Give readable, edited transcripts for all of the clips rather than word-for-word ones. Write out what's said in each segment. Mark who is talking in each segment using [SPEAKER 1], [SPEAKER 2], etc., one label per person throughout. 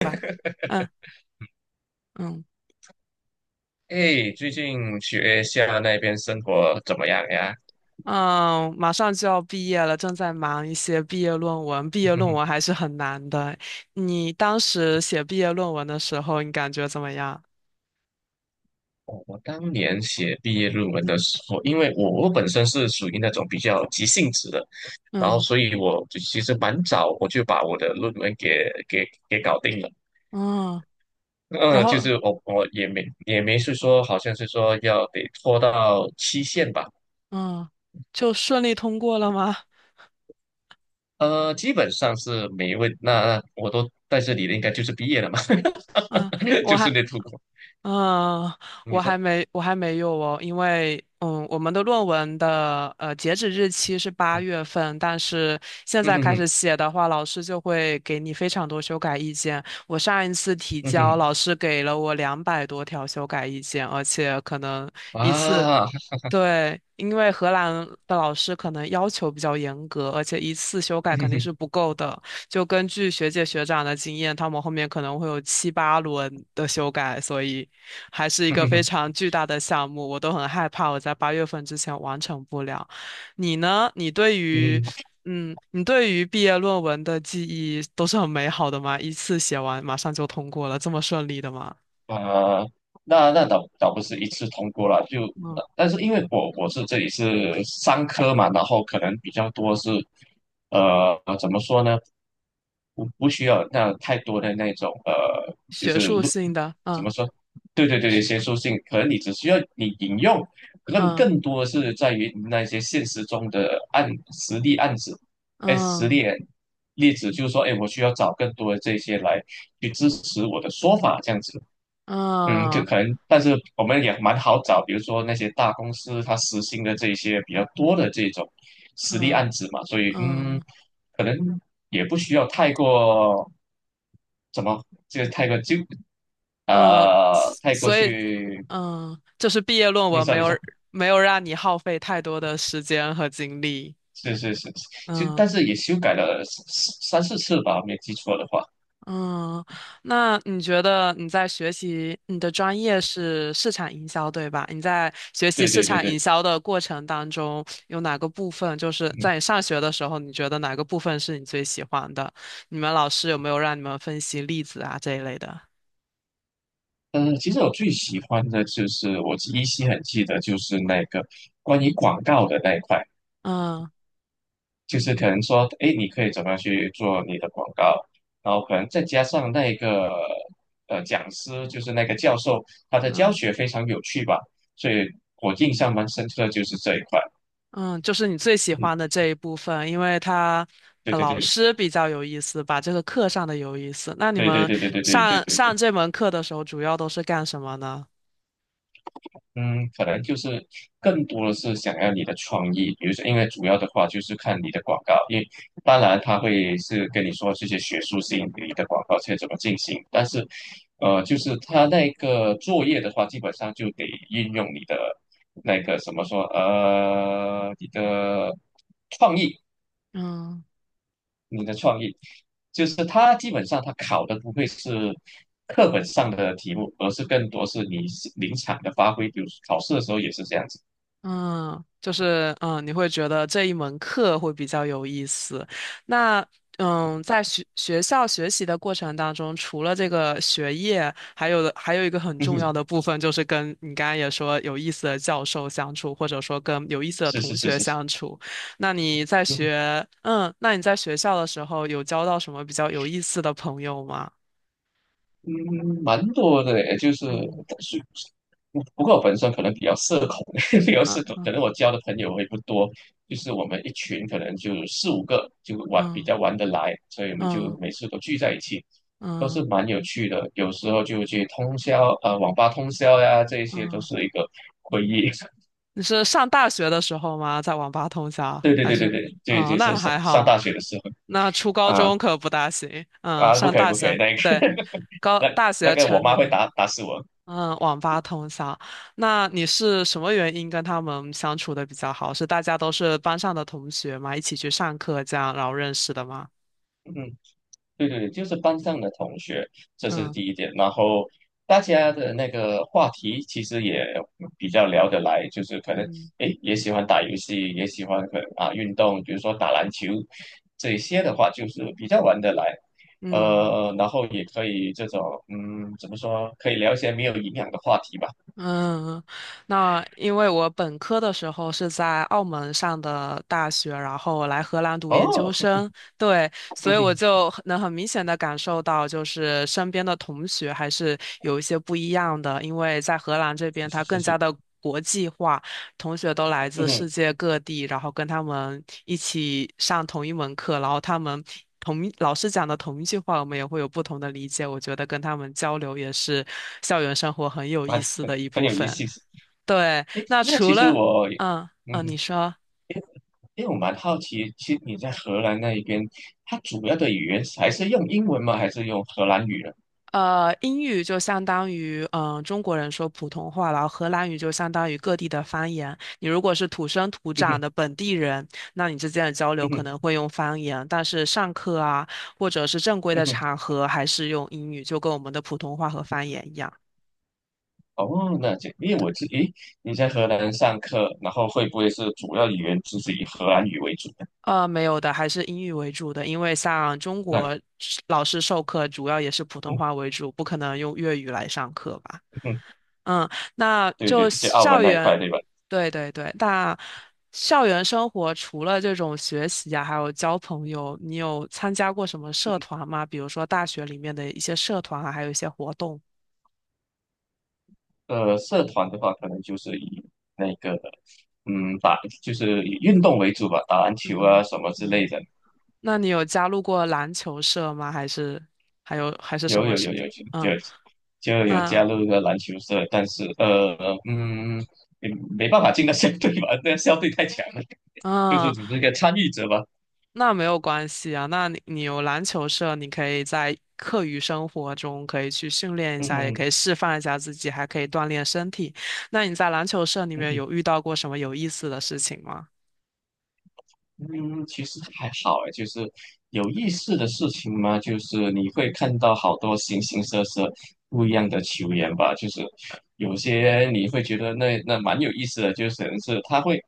[SPEAKER 1] 吧。嗯嗯
[SPEAKER 2] 哎，最近学校那边生活怎么样呀？
[SPEAKER 1] 嗯，马上就要毕业了，正在忙一些毕业论文。毕业论文 还是很难的。你当时写毕业论文的时候，你感觉怎么样？
[SPEAKER 2] 我当年写毕业论文的时候，因为我本身是属于那种比较急性子的，然后
[SPEAKER 1] 嗯
[SPEAKER 2] 所以我就其实蛮早我就把我的论文给搞定了。
[SPEAKER 1] 嗯，然
[SPEAKER 2] 就
[SPEAKER 1] 后
[SPEAKER 2] 是我也没也没是说好像是说要得拖到期限吧，
[SPEAKER 1] 嗯，就顺利通过了吗？
[SPEAKER 2] 基本上是没问，那我都在这里的应该就是毕业了嘛，
[SPEAKER 1] 嗯，我
[SPEAKER 2] 就
[SPEAKER 1] 还
[SPEAKER 2] 是那出国，
[SPEAKER 1] 嗯，
[SPEAKER 2] 你说，
[SPEAKER 1] 我还没有哦，因为嗯，我们的论文的截止日期是八
[SPEAKER 2] 嗯
[SPEAKER 1] 月份，但是现
[SPEAKER 2] 嗯
[SPEAKER 1] 在
[SPEAKER 2] 哼
[SPEAKER 1] 开
[SPEAKER 2] 哼。
[SPEAKER 1] 始写的话，老师就会给你非常多修改意见。我上一次提
[SPEAKER 2] 嗯哼
[SPEAKER 1] 交，
[SPEAKER 2] 哼
[SPEAKER 1] 老师给了我200多条修改意见，而且可能一次。
[SPEAKER 2] 啊，
[SPEAKER 1] 对，因为荷兰的老师可能要求比较严格，而且一次修改肯定是不 够的。就根据学姐学长的经验，他们后面可能会有七八轮的修改，所以还是一个非常巨大的项目。我都很害怕我在八月份之前完成不了。你呢？你对于，
[SPEAKER 2] 嗯，
[SPEAKER 1] 嗯，你对于毕业论文的记忆都是很美好的吗？一次写完马上就通过了，这么顺利的吗？
[SPEAKER 2] 呃，那倒不是一次通过了，就
[SPEAKER 1] 嗯，
[SPEAKER 2] 但是因为我是这里是商科嘛，然后可能比较多是，怎么说呢？不需要那太多的那种就
[SPEAKER 1] 学
[SPEAKER 2] 是
[SPEAKER 1] 术
[SPEAKER 2] 录
[SPEAKER 1] 性的，
[SPEAKER 2] 怎
[SPEAKER 1] 嗯
[SPEAKER 2] 么说？对对对，学术性，可能你只需要你引用，更
[SPEAKER 1] 嗯
[SPEAKER 2] 更多是在于那些现实中的案实例案子，哎，实
[SPEAKER 1] 嗯。
[SPEAKER 2] 例例子，就是说，哎，我需要找更多的这些来去支持我的说法，这样子。嗯，就
[SPEAKER 1] 嗯
[SPEAKER 2] 可能，但是我们也蛮好找，比如说那些大公司它实行的这些比较多的这种实例
[SPEAKER 1] 嗯
[SPEAKER 2] 案子嘛，所以嗯，
[SPEAKER 1] 嗯
[SPEAKER 2] 可能也不需要太过怎么，这个太过纠
[SPEAKER 1] 嗯，
[SPEAKER 2] 太过
[SPEAKER 1] 所以
[SPEAKER 2] 去，
[SPEAKER 1] 嗯，就是毕业论
[SPEAKER 2] 你
[SPEAKER 1] 文
[SPEAKER 2] 说
[SPEAKER 1] 没
[SPEAKER 2] 你
[SPEAKER 1] 有
[SPEAKER 2] 说，
[SPEAKER 1] 没有让你耗费太多的时间和精力。
[SPEAKER 2] 是是是，就
[SPEAKER 1] 嗯
[SPEAKER 2] 但是也修改了三四次吧，没记错的话，
[SPEAKER 1] 嗯，那你觉得你在学习你的专业是市场营销，对吧？你在学习
[SPEAKER 2] 对
[SPEAKER 1] 市
[SPEAKER 2] 对对
[SPEAKER 1] 场营
[SPEAKER 2] 对，
[SPEAKER 1] 销的过程当中，有哪个部分就是
[SPEAKER 2] 嗯。
[SPEAKER 1] 在你上学的时候，你觉得哪个部分是你最喜欢的？你们老师有没有让你们分析例子啊这一类的？
[SPEAKER 2] 嗯，其实我最喜欢的就是，我依稀很记得，就是那个关于广告的那一块。
[SPEAKER 1] 嗯
[SPEAKER 2] 就是可能说，哎，你可以怎么样去做你的广告，然后可能再加上那个讲师，就是那个教授，他的教
[SPEAKER 1] 嗯。
[SPEAKER 2] 学非常有趣吧，所以我印象蛮深刻的就是这一块。
[SPEAKER 1] 嗯，就是你最喜
[SPEAKER 2] 嗯，
[SPEAKER 1] 欢的这一部分，因为他
[SPEAKER 2] 对对
[SPEAKER 1] 老
[SPEAKER 2] 对
[SPEAKER 1] 师比较有意思把这个课上的有意思。那你
[SPEAKER 2] 对对
[SPEAKER 1] 们
[SPEAKER 2] 对对对对对对
[SPEAKER 1] 上
[SPEAKER 2] 对
[SPEAKER 1] 上
[SPEAKER 2] 对。
[SPEAKER 1] 这门课的时候，主要都是干什么呢？
[SPEAKER 2] 嗯，可能就是更多的是想要你的创意，比如说，因为主要的话就是看你的广告，因为当然他会是跟你说这些学术性你的广告是怎么进行，但是，就是他那个作业的话，基本上就得运用你的那个什么说，创意，
[SPEAKER 1] 嗯。
[SPEAKER 2] 你的创意，就是他基本上他考的不会是课本上的题目，而是更多是你临场的发挥，比如考试的时候也是这样子。
[SPEAKER 1] 嗯，就是嗯，你会觉得这一门课会比较有意思。那嗯，在学校学习的过程当中，除了这个学业，还有一个很
[SPEAKER 2] 嗯
[SPEAKER 1] 重
[SPEAKER 2] 哼，
[SPEAKER 1] 要的部分，就是跟你刚刚也说有意思的教授相处，或者说跟有意思的
[SPEAKER 2] 是
[SPEAKER 1] 同
[SPEAKER 2] 是是
[SPEAKER 1] 学
[SPEAKER 2] 是是，
[SPEAKER 1] 相处。那你在学，嗯，那你在学校的时候有交到什么比较有意思的朋友吗？
[SPEAKER 2] 嗯，蛮多的诶，就是
[SPEAKER 1] 嗯
[SPEAKER 2] 但是不过我本身可能比较社恐，比较
[SPEAKER 1] 嗯
[SPEAKER 2] 社恐，可
[SPEAKER 1] 嗯
[SPEAKER 2] 能我交的朋友会不多，就是我们一群可能就四五个就玩比
[SPEAKER 1] 嗯
[SPEAKER 2] 较玩得来，所以我们就
[SPEAKER 1] 嗯
[SPEAKER 2] 每次都聚在一起，都
[SPEAKER 1] 嗯嗯。
[SPEAKER 2] 是蛮有趣的，有时候就去通宵啊网吧通宵呀，这一些都
[SPEAKER 1] 嗯
[SPEAKER 2] 是一个回忆。
[SPEAKER 1] 你是上大学的时候吗？在网吧通宵
[SPEAKER 2] 对对
[SPEAKER 1] 还
[SPEAKER 2] 对对
[SPEAKER 1] 是？
[SPEAKER 2] 对，这
[SPEAKER 1] 哦，
[SPEAKER 2] 就是
[SPEAKER 1] 那
[SPEAKER 2] 上
[SPEAKER 1] 还
[SPEAKER 2] 上
[SPEAKER 1] 好。
[SPEAKER 2] 大学的时候
[SPEAKER 1] 那初高
[SPEAKER 2] 啊
[SPEAKER 1] 中可不大行。嗯，
[SPEAKER 2] 啊，不
[SPEAKER 1] 上
[SPEAKER 2] 可以
[SPEAKER 1] 大
[SPEAKER 2] 不可以，
[SPEAKER 1] 学，
[SPEAKER 2] 那个
[SPEAKER 1] 对，高
[SPEAKER 2] 那
[SPEAKER 1] 大
[SPEAKER 2] 那
[SPEAKER 1] 学
[SPEAKER 2] 个我
[SPEAKER 1] 成
[SPEAKER 2] 妈
[SPEAKER 1] 年
[SPEAKER 2] 会
[SPEAKER 1] 了。
[SPEAKER 2] 打死我。
[SPEAKER 1] 嗯，网吧通宵。那你是什么原因跟他们相处的比较好？是大家都是班上的同学嘛？一起去上课这样，然后认识的吗？
[SPEAKER 2] 嗯对对，对，就是班上的同学，这是
[SPEAKER 1] 嗯
[SPEAKER 2] 第一点。然后大家的那个话题其实也比较聊得来，就是可能
[SPEAKER 1] 嗯
[SPEAKER 2] 诶也喜欢打游戏，也喜欢可能啊运动，比如说打篮球这一些的话，就是比较玩得来。
[SPEAKER 1] 嗯。
[SPEAKER 2] 然后也可以这种怎么说，可以聊一些没有营养的话题吧。
[SPEAKER 1] 嗯，那因为我本科的时候是在澳门上的大学，然后来荷兰读研
[SPEAKER 2] 哦，
[SPEAKER 1] 究 生，对，所
[SPEAKER 2] 嗯
[SPEAKER 1] 以我
[SPEAKER 2] 哼，
[SPEAKER 1] 就很能很明显的感受到，就是身边的同学还是有一些不一样的，因为在荷兰这边
[SPEAKER 2] 是
[SPEAKER 1] 它
[SPEAKER 2] 是
[SPEAKER 1] 更
[SPEAKER 2] 是
[SPEAKER 1] 加
[SPEAKER 2] 是，
[SPEAKER 1] 的。国际化。同学都来
[SPEAKER 2] 嗯
[SPEAKER 1] 自世
[SPEAKER 2] 哼，
[SPEAKER 1] 界各地，然后跟他们一起上同一门课，然后他们同一老师讲的同一句话，我们也会有不同的理解。我觉得跟他们交流也是校园生活很有
[SPEAKER 2] 蛮
[SPEAKER 1] 意思
[SPEAKER 2] 很
[SPEAKER 1] 的一
[SPEAKER 2] 很
[SPEAKER 1] 部
[SPEAKER 2] 有意
[SPEAKER 1] 分。
[SPEAKER 2] 思。
[SPEAKER 1] 对，
[SPEAKER 2] 诶，
[SPEAKER 1] 那
[SPEAKER 2] 那
[SPEAKER 1] 除
[SPEAKER 2] 其实
[SPEAKER 1] 了
[SPEAKER 2] 我。
[SPEAKER 1] 嗯嗯，你
[SPEAKER 2] 嗯，
[SPEAKER 1] 说。
[SPEAKER 2] 因为我蛮好奇，其实你在荷兰那一边，它主要的语言还是用英文吗？还是用荷兰语呢？
[SPEAKER 1] 英语就相当于中国人说普通话，然后荷兰语就相当于各地的方言。你如果是土生土
[SPEAKER 2] 嗯
[SPEAKER 1] 长
[SPEAKER 2] 哼，
[SPEAKER 1] 的本地人，那你之间的交流
[SPEAKER 2] 嗯
[SPEAKER 1] 可
[SPEAKER 2] 哼，
[SPEAKER 1] 能会用方言，但是上课啊，或者是正规
[SPEAKER 2] 嗯
[SPEAKER 1] 的
[SPEAKER 2] 哼。
[SPEAKER 1] 场合，还是用英语，就跟我们的普通话和方言一样。
[SPEAKER 2] 哦，那这，因为我诶，你在荷兰上课，然后会不会是主要语言就是以荷兰语为主呢？
[SPEAKER 1] 没有的，还是英语为主的，因为像中
[SPEAKER 2] 那，嗯
[SPEAKER 1] 国老师授课主要也是普通
[SPEAKER 2] 嗯
[SPEAKER 1] 话为主，不可能用粤语来上课吧。
[SPEAKER 2] 哼，
[SPEAKER 1] 嗯，那
[SPEAKER 2] 对对，
[SPEAKER 1] 就
[SPEAKER 2] 就澳门
[SPEAKER 1] 校
[SPEAKER 2] 那一块，
[SPEAKER 1] 园，
[SPEAKER 2] 对吧？
[SPEAKER 1] 对对对，那校园生活除了这种学习啊，还有交朋友，你有参加过什么社团吗？比如说大学里面的一些社团啊，还有一些活动。
[SPEAKER 2] 社团的话，可能就是以那个，就是以运动为主吧，打篮球啊
[SPEAKER 1] 嗯
[SPEAKER 2] 什么之类
[SPEAKER 1] 嗯，
[SPEAKER 2] 的。
[SPEAKER 1] 那你有加入过篮球社吗？还是还有还是什
[SPEAKER 2] 有
[SPEAKER 1] 么
[SPEAKER 2] 有
[SPEAKER 1] 事
[SPEAKER 2] 有
[SPEAKER 1] 情？
[SPEAKER 2] 有就
[SPEAKER 1] 嗯，
[SPEAKER 2] 就有
[SPEAKER 1] 那
[SPEAKER 2] 加入一个篮球社，但是嗯，也没办法进到校队吧，那校队太强了，就是
[SPEAKER 1] 嗯。
[SPEAKER 2] 只是一个参与者吧。
[SPEAKER 1] 那没有关系啊，那你有篮球社，你可以在课余生活中可以去训练一下，也
[SPEAKER 2] 嗯
[SPEAKER 1] 可以
[SPEAKER 2] 嗯
[SPEAKER 1] 释放一下自己，还可以锻炼身体。那你在篮球社里面
[SPEAKER 2] 嗯
[SPEAKER 1] 有遇到过什么有意思的事情吗？
[SPEAKER 2] 嗯，其实还好诶，就是有意思的事情嘛，就是你会看到好多形形色色不一样的球员吧，就是有些你会觉得那蛮有意思的，就是可能是他会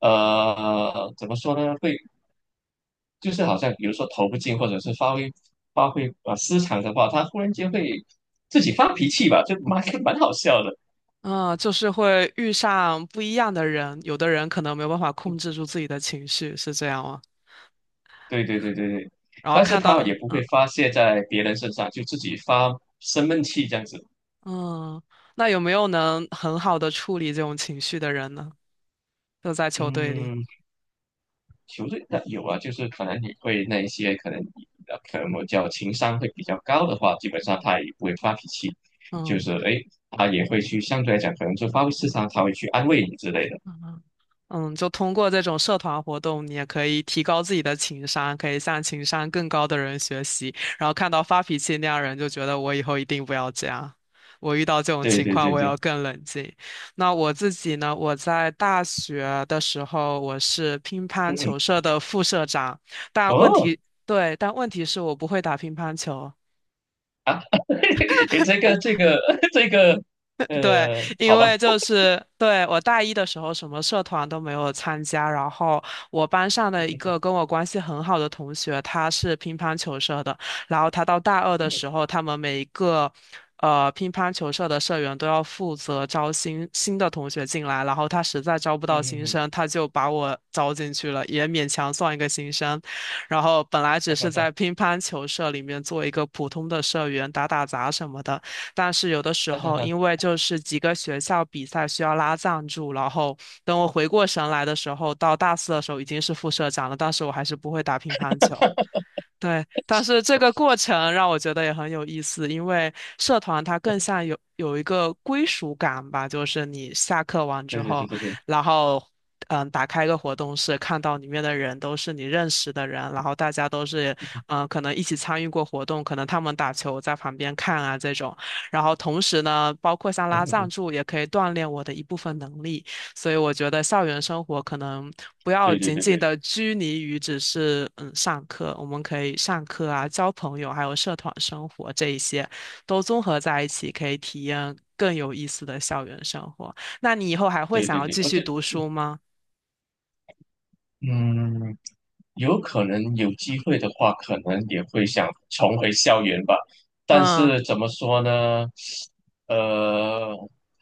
[SPEAKER 2] 怎么说呢，会就是好像比如说投不进，或者是发挥啊失常的话，他忽然间会自己发脾气吧，就蛮 蛮好笑的。
[SPEAKER 1] 嗯，就是会遇上不一样的人，有的人可能没有办法控制住自己的情绪，是这样吗？
[SPEAKER 2] 对对对对对，
[SPEAKER 1] 然后
[SPEAKER 2] 但是
[SPEAKER 1] 看
[SPEAKER 2] 他
[SPEAKER 1] 到，
[SPEAKER 2] 也不
[SPEAKER 1] 嗯
[SPEAKER 2] 会发泄在别人身上，就自己发生闷气这样子。
[SPEAKER 1] 嗯，那有没有能很好的处理这种情绪的人呢？就在球队里，
[SPEAKER 2] 嗯，球队的有啊，就是可能你会那一些可能我叫情商会比较高的话，基本上他也不会发脾气，就是
[SPEAKER 1] 嗯
[SPEAKER 2] 哎，他也会去相对来讲可能就发挥失常，他会去安慰你之类的。
[SPEAKER 1] 嗯。嗯，就通过这种社团活动，你也可以提高自己的情商，可以向情商更高的人学习。然后看到发脾气那样人，就觉得我以后一定不要这样。我遇到这种
[SPEAKER 2] 对
[SPEAKER 1] 情
[SPEAKER 2] 对
[SPEAKER 1] 况，
[SPEAKER 2] 对
[SPEAKER 1] 我
[SPEAKER 2] 对，
[SPEAKER 1] 要更冷静。那我自己呢？我在大学的时候，我是乒
[SPEAKER 2] 嗯
[SPEAKER 1] 乓
[SPEAKER 2] 嗯，
[SPEAKER 1] 球社的副社长，但问
[SPEAKER 2] 哦。
[SPEAKER 1] 题，对，但问题是我不会打乒乓球。
[SPEAKER 2] 诶，这个 这个，
[SPEAKER 1] 对，因
[SPEAKER 2] 好吧，
[SPEAKER 1] 为就是对我大一的时候什么社团都没有参加，然后我班上的一个跟 我关系很好的同学，他是乒乓球社的，然后他到大二的时候，他们每一个乒乓球社的社员都要负责招新新的同学进来，然后他实在招不到
[SPEAKER 2] 嗯嗯
[SPEAKER 1] 新
[SPEAKER 2] 嗯，
[SPEAKER 1] 生，他就把我招进去了，也勉强算一个新生。然后本来只
[SPEAKER 2] 哈哈
[SPEAKER 1] 是
[SPEAKER 2] 哈
[SPEAKER 1] 在乒乓球社里面做一个普通的社员，打打杂什么的。但是有的时
[SPEAKER 2] 哈
[SPEAKER 1] 候
[SPEAKER 2] 哈，
[SPEAKER 1] 因为就是几个学校比赛需要拉赞助，然后等我回过神来的时候，到大四的时候已经是副社长了，但是我还是不会打乒乓球。对，但是这个过程让我觉得也很有意思，因为社团它更像有一个归属感吧，就是你下课完之
[SPEAKER 2] 对对对
[SPEAKER 1] 后，
[SPEAKER 2] 对对，
[SPEAKER 1] 然后嗯，打开一个活动室，看到里面的人都是你认识的人，然后大家都是嗯，可能一起参与过活动，可能他们打球我在旁边看啊这种，然后同时呢，包括像
[SPEAKER 2] 嗯
[SPEAKER 1] 拉
[SPEAKER 2] 嗯
[SPEAKER 1] 赞
[SPEAKER 2] 嗯，
[SPEAKER 1] 助也可以锻炼我的一部分能力，所以我觉得校园生活可能不要
[SPEAKER 2] 对对
[SPEAKER 1] 仅仅
[SPEAKER 2] 对
[SPEAKER 1] 的拘泥于只是嗯上课，我们可以上课啊、交朋友，还有社团生活这一些都综合在一起，可以体验更有意思的校园生活。那你以后还会
[SPEAKER 2] 对
[SPEAKER 1] 想
[SPEAKER 2] 对
[SPEAKER 1] 要
[SPEAKER 2] 对
[SPEAKER 1] 继
[SPEAKER 2] 对，我
[SPEAKER 1] 续
[SPEAKER 2] 觉得，
[SPEAKER 1] 读书吗？
[SPEAKER 2] 嗯，有可能有机会的话，可能也会想重回校园吧，但
[SPEAKER 1] 嗯
[SPEAKER 2] 是怎么说呢，呃，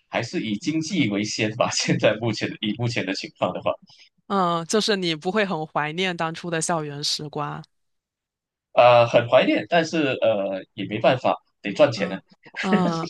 [SPEAKER 2] 还是以经济为先吧，现在目前以目前的情况的话，
[SPEAKER 1] 嗯，就是你不会很怀念当初的校园时光。
[SPEAKER 2] 很怀念，但是也没办法，得赚钱呢。
[SPEAKER 1] 嗯嗯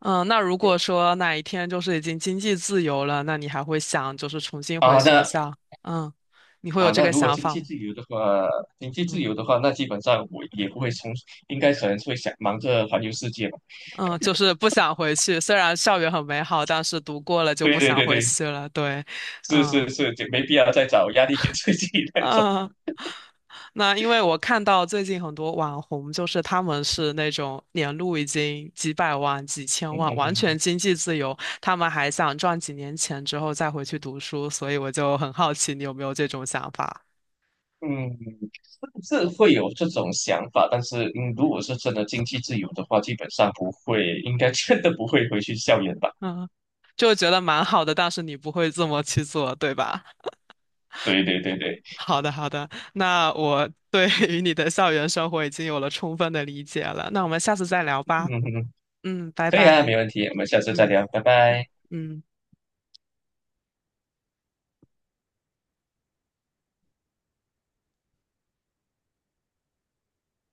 [SPEAKER 1] 嗯，那如果说哪一天就是已经经济自由了，那你还会想就是重新回
[SPEAKER 2] 啊，
[SPEAKER 1] 学
[SPEAKER 2] 那
[SPEAKER 1] 校？嗯，你会
[SPEAKER 2] 啊，
[SPEAKER 1] 有这
[SPEAKER 2] 那
[SPEAKER 1] 个
[SPEAKER 2] 如果
[SPEAKER 1] 想
[SPEAKER 2] 经
[SPEAKER 1] 法
[SPEAKER 2] 济
[SPEAKER 1] 吗？
[SPEAKER 2] 自由的话，经济自
[SPEAKER 1] 嗯
[SPEAKER 2] 由的话，那基本上我也不会从，应该可能会想忙着环游世界吧。
[SPEAKER 1] 嗯，就是不想回去。虽然校园很美好，但是读过了就不
[SPEAKER 2] 对对
[SPEAKER 1] 想
[SPEAKER 2] 对
[SPEAKER 1] 回
[SPEAKER 2] 对，
[SPEAKER 1] 去了。对，
[SPEAKER 2] 是
[SPEAKER 1] 嗯
[SPEAKER 2] 是是，就没必要再找压力给自己 那种。
[SPEAKER 1] 嗯。那因为我看到最近很多网红，就是他们是那种年入已经几百万、几千
[SPEAKER 2] 嗯
[SPEAKER 1] 万，
[SPEAKER 2] 嗯
[SPEAKER 1] 完全
[SPEAKER 2] 嗯
[SPEAKER 1] 经济自由，他们还想赚几年钱之后再回去读书，所以我就很好奇你有没有这种想法？
[SPEAKER 2] 嗯，嗯是会有这种想法，但是如果是真的经济自由的话，基本上不会，应该真的不会回去校园吧。
[SPEAKER 1] 嗯，就觉得蛮好的，但是你不会这么去做，对吧？
[SPEAKER 2] 对对对对，
[SPEAKER 1] 好的，好的，那我对 于你的校园生活已经有了充分的理解了，那我们下次再聊
[SPEAKER 2] 嗯
[SPEAKER 1] 吧。
[SPEAKER 2] 嗯，嗯
[SPEAKER 1] 嗯，拜
[SPEAKER 2] 可以啊，
[SPEAKER 1] 拜。
[SPEAKER 2] 没问题，我们下次再
[SPEAKER 1] 嗯
[SPEAKER 2] 聊，拜
[SPEAKER 1] 嗯
[SPEAKER 2] 拜。
[SPEAKER 1] 嗯。